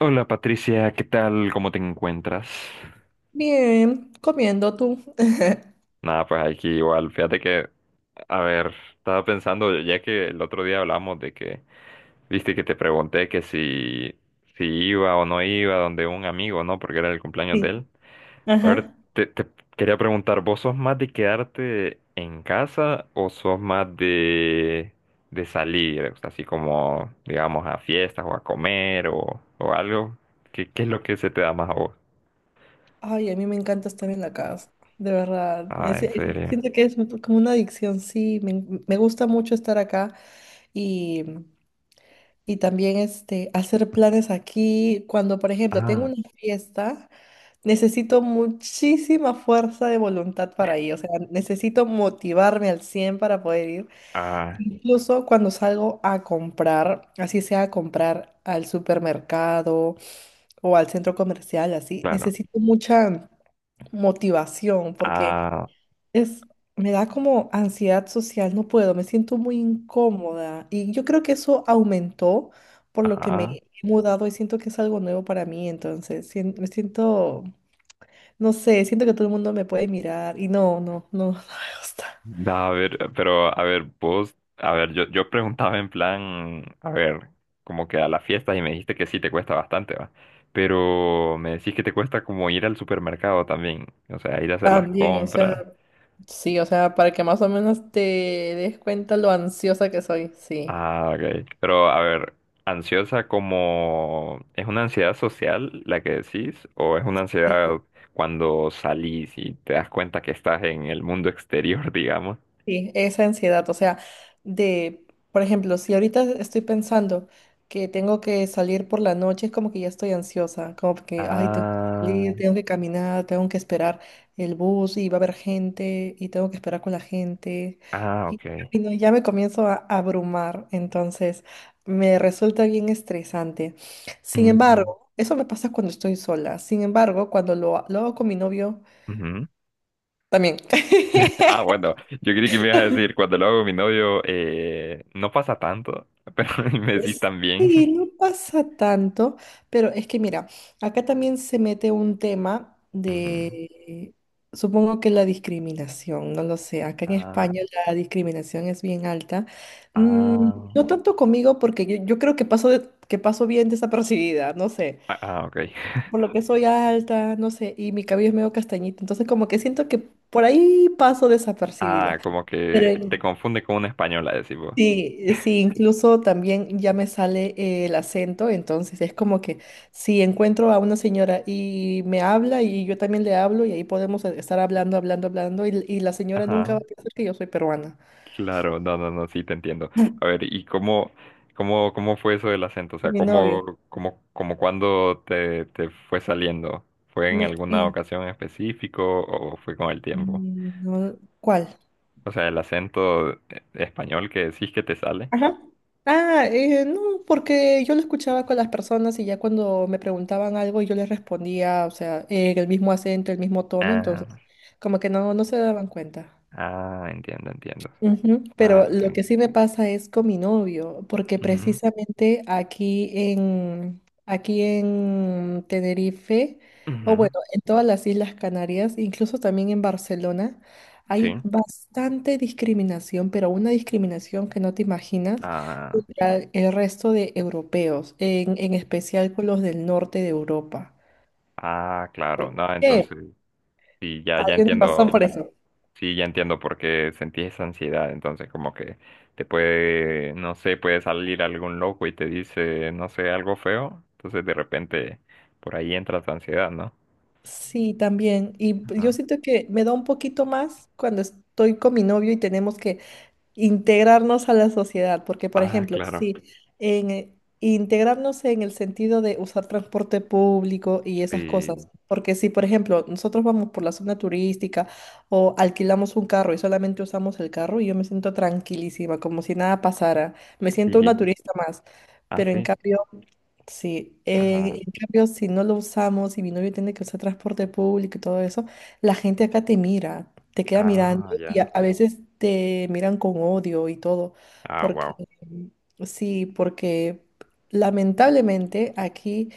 Hola Patricia, ¿qué tal? ¿Cómo te encuentras? Bien, comiendo tú. Nada, pues aquí igual. Fíjate que, a ver, estaba pensando, ya que el otro día hablamos de que, viste que te pregunté que si iba o no iba donde un amigo, ¿no? Porque era el cumpleaños de Sí. él. A ver, Ajá. te quería preguntar, ¿vos sos más de quedarte en casa o sos más de salir? O sea, así como, digamos, a fiestas o a comer o algo. ¿Qué es lo que se te da más a vos? Ay, a mí me encanta estar en la casa, de verdad. Ah, en serio. Siento que es como una adicción, sí. Me gusta mucho estar acá y, y también hacer planes aquí. Cuando, por ejemplo, tengo Ah, una fiesta, necesito muchísima fuerza de voluntad para ir. O sea, necesito motivarme al 100 para poder ir. ah, Incluso cuando salgo a comprar, así sea a comprar al supermercado o al centro comercial, así, claro. necesito mucha motivación porque Ah, es, me da como ansiedad social, no puedo, me siento muy incómoda y yo creo que eso aumentó por lo que me ajá. he mudado y siento que es algo nuevo para mí, entonces me siento, no sé, siento que todo el mundo me puede mirar y no, no, no, no me gusta. A ver, pero a ver, vos, a ver, yo preguntaba en plan, a ver, como que a las fiestas y me dijiste que sí te cuesta bastante, va. Pero me decís que te cuesta como ir al supermercado también, o sea, ir a hacer las También, o sea, compras. sí, o sea, para que más o menos te des cuenta lo ansiosa que soy, sí. Ah, ok. Pero a ver, ansiosa como, ¿es una ansiedad social la que decís? ¿O es una ansiedad cuando salís y te das cuenta que estás en el mundo exterior, digamos? Sí, esa ansiedad, o sea, de, por ejemplo, si ahorita estoy pensando que tengo que salir por la noche, es como que ya estoy ansiosa, como que, ay, tengo que Ah, salir, tengo que caminar, tengo que esperar el bus y va a haber gente y tengo que esperar con la gente. ah, Y, ok. y no, ya me comienzo a abrumar, entonces me resulta bien estresante. Sin Mm, embargo, eso me pasa cuando estoy sola. Sin embargo, cuando lo hago con mi novio, ujú. también. Ah, bueno, yo creí que me ibas a decir, cuando lo hago con mi novio, no pasa tanto, pero me decís también. Sí, no pasa tanto, pero es que mira, acá también se mete un tema Ujú. Supongo que la discriminación, no lo sé, acá en Ah, España la discriminación es bien alta. Mm, ah, no tanto conmigo porque yo creo que paso, que paso bien desapercibida, no sé, ah, ah, ok. por lo que soy alta, no sé, y mi cabello es medio castañito, entonces como que siento que por ahí paso desapercibida. Ah, como Pero que te en confunde con una española, decís vos. Sí, sí, incluso también ya me sale el acento, entonces es como que si encuentro a una señora y me habla y yo también le hablo y ahí podemos estar hablando, hablando, hablando y la señora nunca va a Ajá. pensar que yo soy peruana. Claro, no, no, no, sí te entiendo. A ver, ¿y cómo fue eso del acento? O sea, Con mi novio. ¿cómo cuándo te fue saliendo? ¿Fue en Me, alguna eh, ocasión en específico o fue con el tiempo? No, ¿cuál? O sea, el acento español que decís que te sale. Ajá. Ah, no, porque yo lo escuchaba con las personas y ya cuando me preguntaban algo yo les respondía, o sea, en el mismo acento, el mismo tono, entonces Ah, como que no se daban cuenta. ah, entiendo, entiendo. Ujú. Ah, Pero pues lo sí. que sí me pasa es con mi novio, porque Ujú, precisamente aquí en Tenerife, o ujú, bueno, en todas las Islas Canarias, incluso también en Barcelona, hay sí. bastante discriminación, pero una discriminación que no te imaginas Ah, contra el resto de europeos, en especial con los del norte de Europa. ah, claro. No, ¿Qué? entonces, sí, ya, ya Hay una razón por entiendo. eso. Sí, ya entiendo por qué sentí esa ansiedad. Entonces, como que te puede, no sé, puede salir algún loco y te dice, no sé, algo feo. Entonces, de repente, por ahí entra tu ansiedad, ¿no? Sí, también. Y yo Ajá. siento que me da un poquito más cuando estoy con mi novio y tenemos que integrarnos a la sociedad, porque por Ah, ejemplo, claro. sí, en, eh, integrarnos en el sentido de usar transporte público y esas cosas, Sí, porque si por ejemplo nosotros vamos por la zona turística o alquilamos un carro y solamente usamos el carro, yo me siento tranquilísima, como si nada pasara, me siento una sí. turista más, Ah, pero en sí. cambio. Sí, Ajá. en cambio, si no lo usamos y mi novio tiene que usar transporte público y todo eso, la gente acá te mira, te queda mirando Ah, y ya. a veces te miran con odio y todo, Ah, porque wow. sí, porque lamentablemente aquí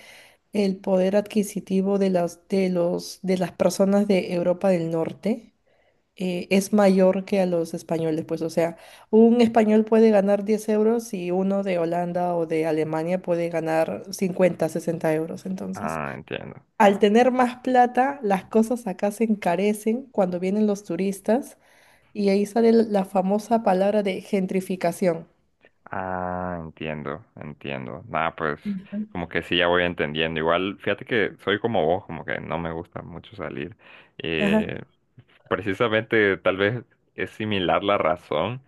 el poder adquisitivo de las, de los, de las personas de Europa del Norte es mayor que a los españoles. Pues, o sea, un español puede ganar 10 euros y uno de Holanda o de Alemania puede ganar 50 60 euros. Entonces, Ah, entiendo. al tener más plata, las cosas acá se encarecen cuando vienen los turistas y ahí sale la famosa palabra de gentrificación. Ah, entiendo, entiendo. Nada, pues, Ujú. como que sí, ya voy entendiendo. Igual, fíjate que soy como vos, como que no me gusta mucho salir. Ajá, eh, Precisamente, tal vez es similar la razón,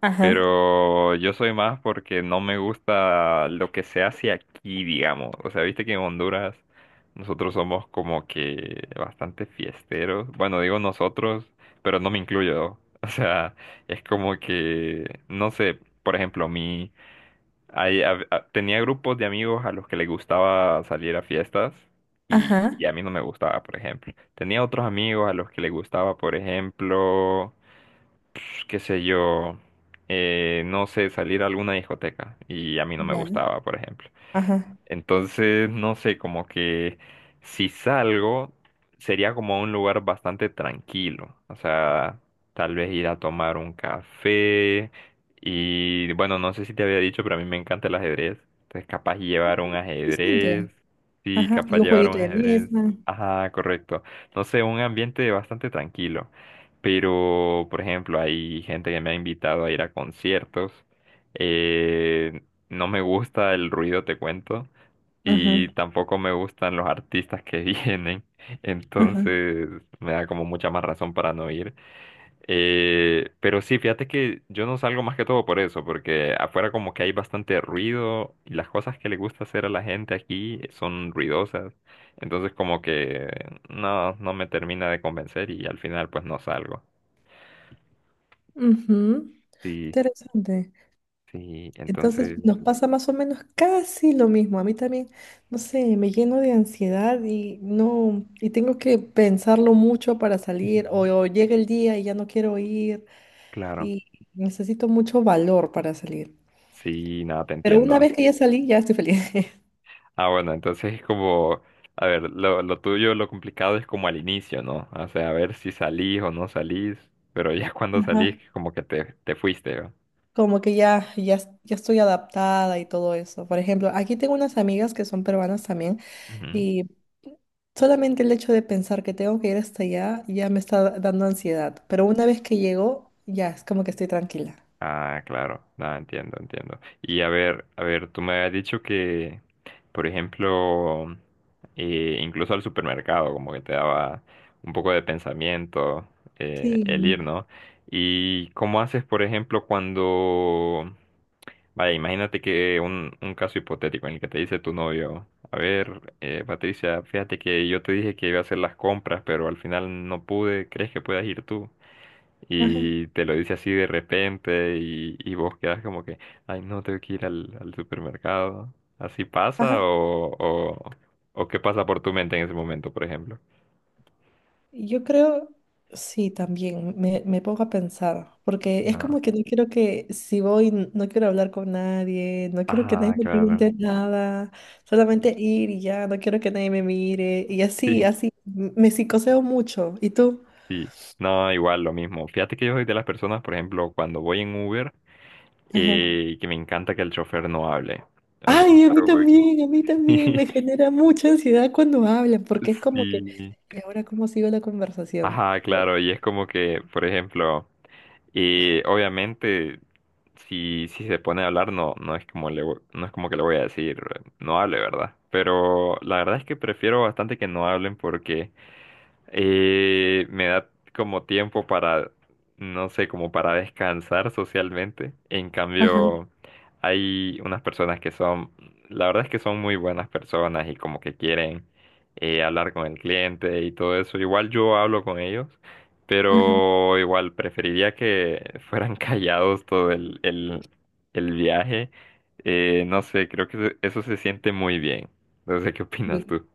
ajá, pero yo soy más porque no me gusta lo que se hace aquí, digamos. O sea, viste que en Honduras nosotros somos como que bastante fiesteros. Bueno, digo nosotros, pero no me incluyo. O sea, es como que, no sé, por ejemplo, Ahí tenía grupos de amigos a los que les gustaba salir a fiestas y, ajá. y a mí no me gustaba, por ejemplo. Tenía otros amigos a los que les gustaba, por ejemplo, qué sé yo, no sé, salir a alguna discoteca y a mí no me Ya. gustaba, por ejemplo. Ajá. Entonces, no sé, como que si salgo, sería como a un lugar bastante tranquilo. O sea, tal vez ir a tomar un café. Y bueno, no sé si te había dicho, pero a mí me encanta el ajedrez. Entonces, capaz llevar un ajedrez. Interesante. Sí, Ajá. Y capaz un llevar jueguito un de ajedrez. mesa. Ajá, correcto. No sé, un ambiente bastante tranquilo. Pero, por ejemplo, hay gente que me ha invitado a ir a conciertos. Eh, no me gusta el ruido, te cuento Ajá, y tampoco me gustan los artistas que vienen, ajá. entonces me da como mucha más razón para no ir. Pero sí, fíjate que yo no salgo más que todo por eso, porque afuera como que hay bastante ruido y las cosas que le gusta hacer a la gente aquí son ruidosas, entonces como que no, no me termina de convencer y al final pues no salgo. Ujú. Sí, Interesante. sí, Entonces entonces, nos pasa más o menos casi lo mismo. A mí también, no sé, me lleno de ansiedad y no, y tengo que pensarlo mucho para salir o, ujú. o llega el día y ya no quiero ir Claro, y necesito mucho valor para salir. sí, nada, te Pero una entiendo. vez que ya salí, ya estoy feliz. Ah, bueno, entonces es como, a ver, lo tuyo, lo complicado es como al inicio, ¿no? O sea, a ver si salís o no salís, pero ya cuando Ajá. salís, como que te fuiste, ¿no? Como que ya estoy adaptada y todo eso. Por ejemplo, aquí tengo unas amigas que son peruanas también Ujú. y solamente el hecho de pensar que tengo que ir hasta allá ya me está dando ansiedad. Pero una vez que llego, ya es como que estoy tranquila. Ah, claro, no, entiendo, entiendo. Y a ver, tú me habías dicho que, por ejemplo, incluso al supermercado, como que te daba un poco de pensamiento el ir, Sí. ¿no? ¿Y cómo haces, por ejemplo? Cuando Vaya, imagínate que un caso hipotético en el que te dice tu novio, a ver, Patricia, fíjate que yo te dije que iba a hacer las compras, pero al final no pude, ¿crees que puedas ir tú? Ajá. Y te lo dice así de repente y vos quedas como que, ay, no, tengo que ir al, al supermercado. ¿Así pasa Ajá. o qué pasa por tu mente en ese momento, por ejemplo? Yo creo, sí, también me pongo a pensar, porque es Ah, como que no quiero que, si voy, no quiero hablar con nadie, no quiero que nadie ah, me claro. pregunte nada, solamente ir y ya, no quiero que nadie me mire, y así, Sí, así, me psicoseo mucho. ¿Y tú? sí. No, igual lo mismo. Fíjate que yo soy de las personas, por ejemplo, cuando voy en Uber, Ajá. y que me encanta que el chofer no hable. O sea, Ay, como a mí que- también me genera mucha ansiedad cuando hablan, porque es como que, sí. ¿y ahora cómo sigo la conversación? Ajá, O- claro, y es como que, por ejemplo. Y obviamente, si se pone a hablar, no, no es como no es como que le voy a decir, no hable, ¿verdad? Pero la verdad es que prefiero bastante que no hablen porque me da como tiempo para, no sé, como para descansar socialmente. En Ajá. cambio, hay unas personas que son, la verdad es que son muy buenas personas y como que quieren hablar con el cliente y todo eso. Igual yo hablo con ellos, pero igual preferiría que fueran callados todo el viaje. No sé, creo que eso se siente muy bien. No sé qué opinas Sí. tú.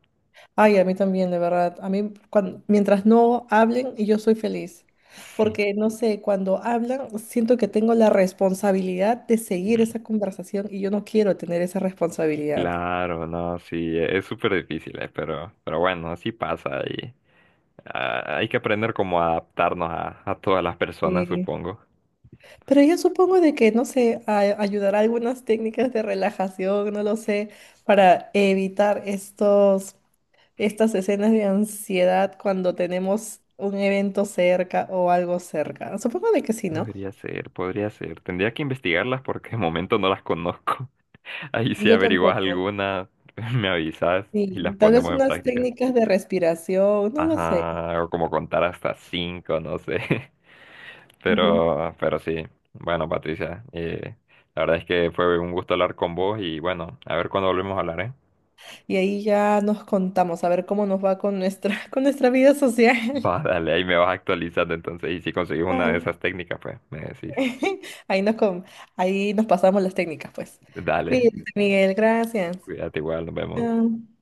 Ay, a mí también, de verdad. A mí, mientras no hablen, yo soy feliz. Sí. Porque, no sé, cuando hablan, siento que tengo la responsabilidad de seguir Ujú. esa conversación y yo no quiero tener esa responsabilidad. Claro, no, sí, es súper difícil, pero bueno, así pasa y hay que aprender cómo adaptarnos a todas las personas, Sí. supongo. Pero yo supongo de que, no sé, ayudará algunas técnicas de relajación, no lo sé, para evitar estos, estas escenas de ansiedad cuando tenemos un evento cerca o algo cerca. Supongo de que sí, ¿no? Podría ser, podría ser. Tendría que investigarlas porque de momento no las conozco. Ahí si Yo averiguas tampoco. alguna, me avisas y las Sí, tal vez ponemos en unas práctica. técnicas de respiración, no lo sé. Ajá, o como contar hasta cinco, no sé. Ujú. Pero sí. Bueno, Patricia, la verdad es que fue un gusto hablar con vos y bueno, a ver cuándo volvemos a hablar, ¿eh? Y ahí ya nos contamos a ver cómo nos va con nuestra, con nuestra vida social. Va, dale, ahí me vas actualizando entonces. Y si conseguís una de Vale. esas técnicas, pues me decís. Ahí nos, com- ahí nos pasamos las técnicas, pues. Dale, Cuídate, Miguel, gracias. cuídate igual, nos vemos. Chao.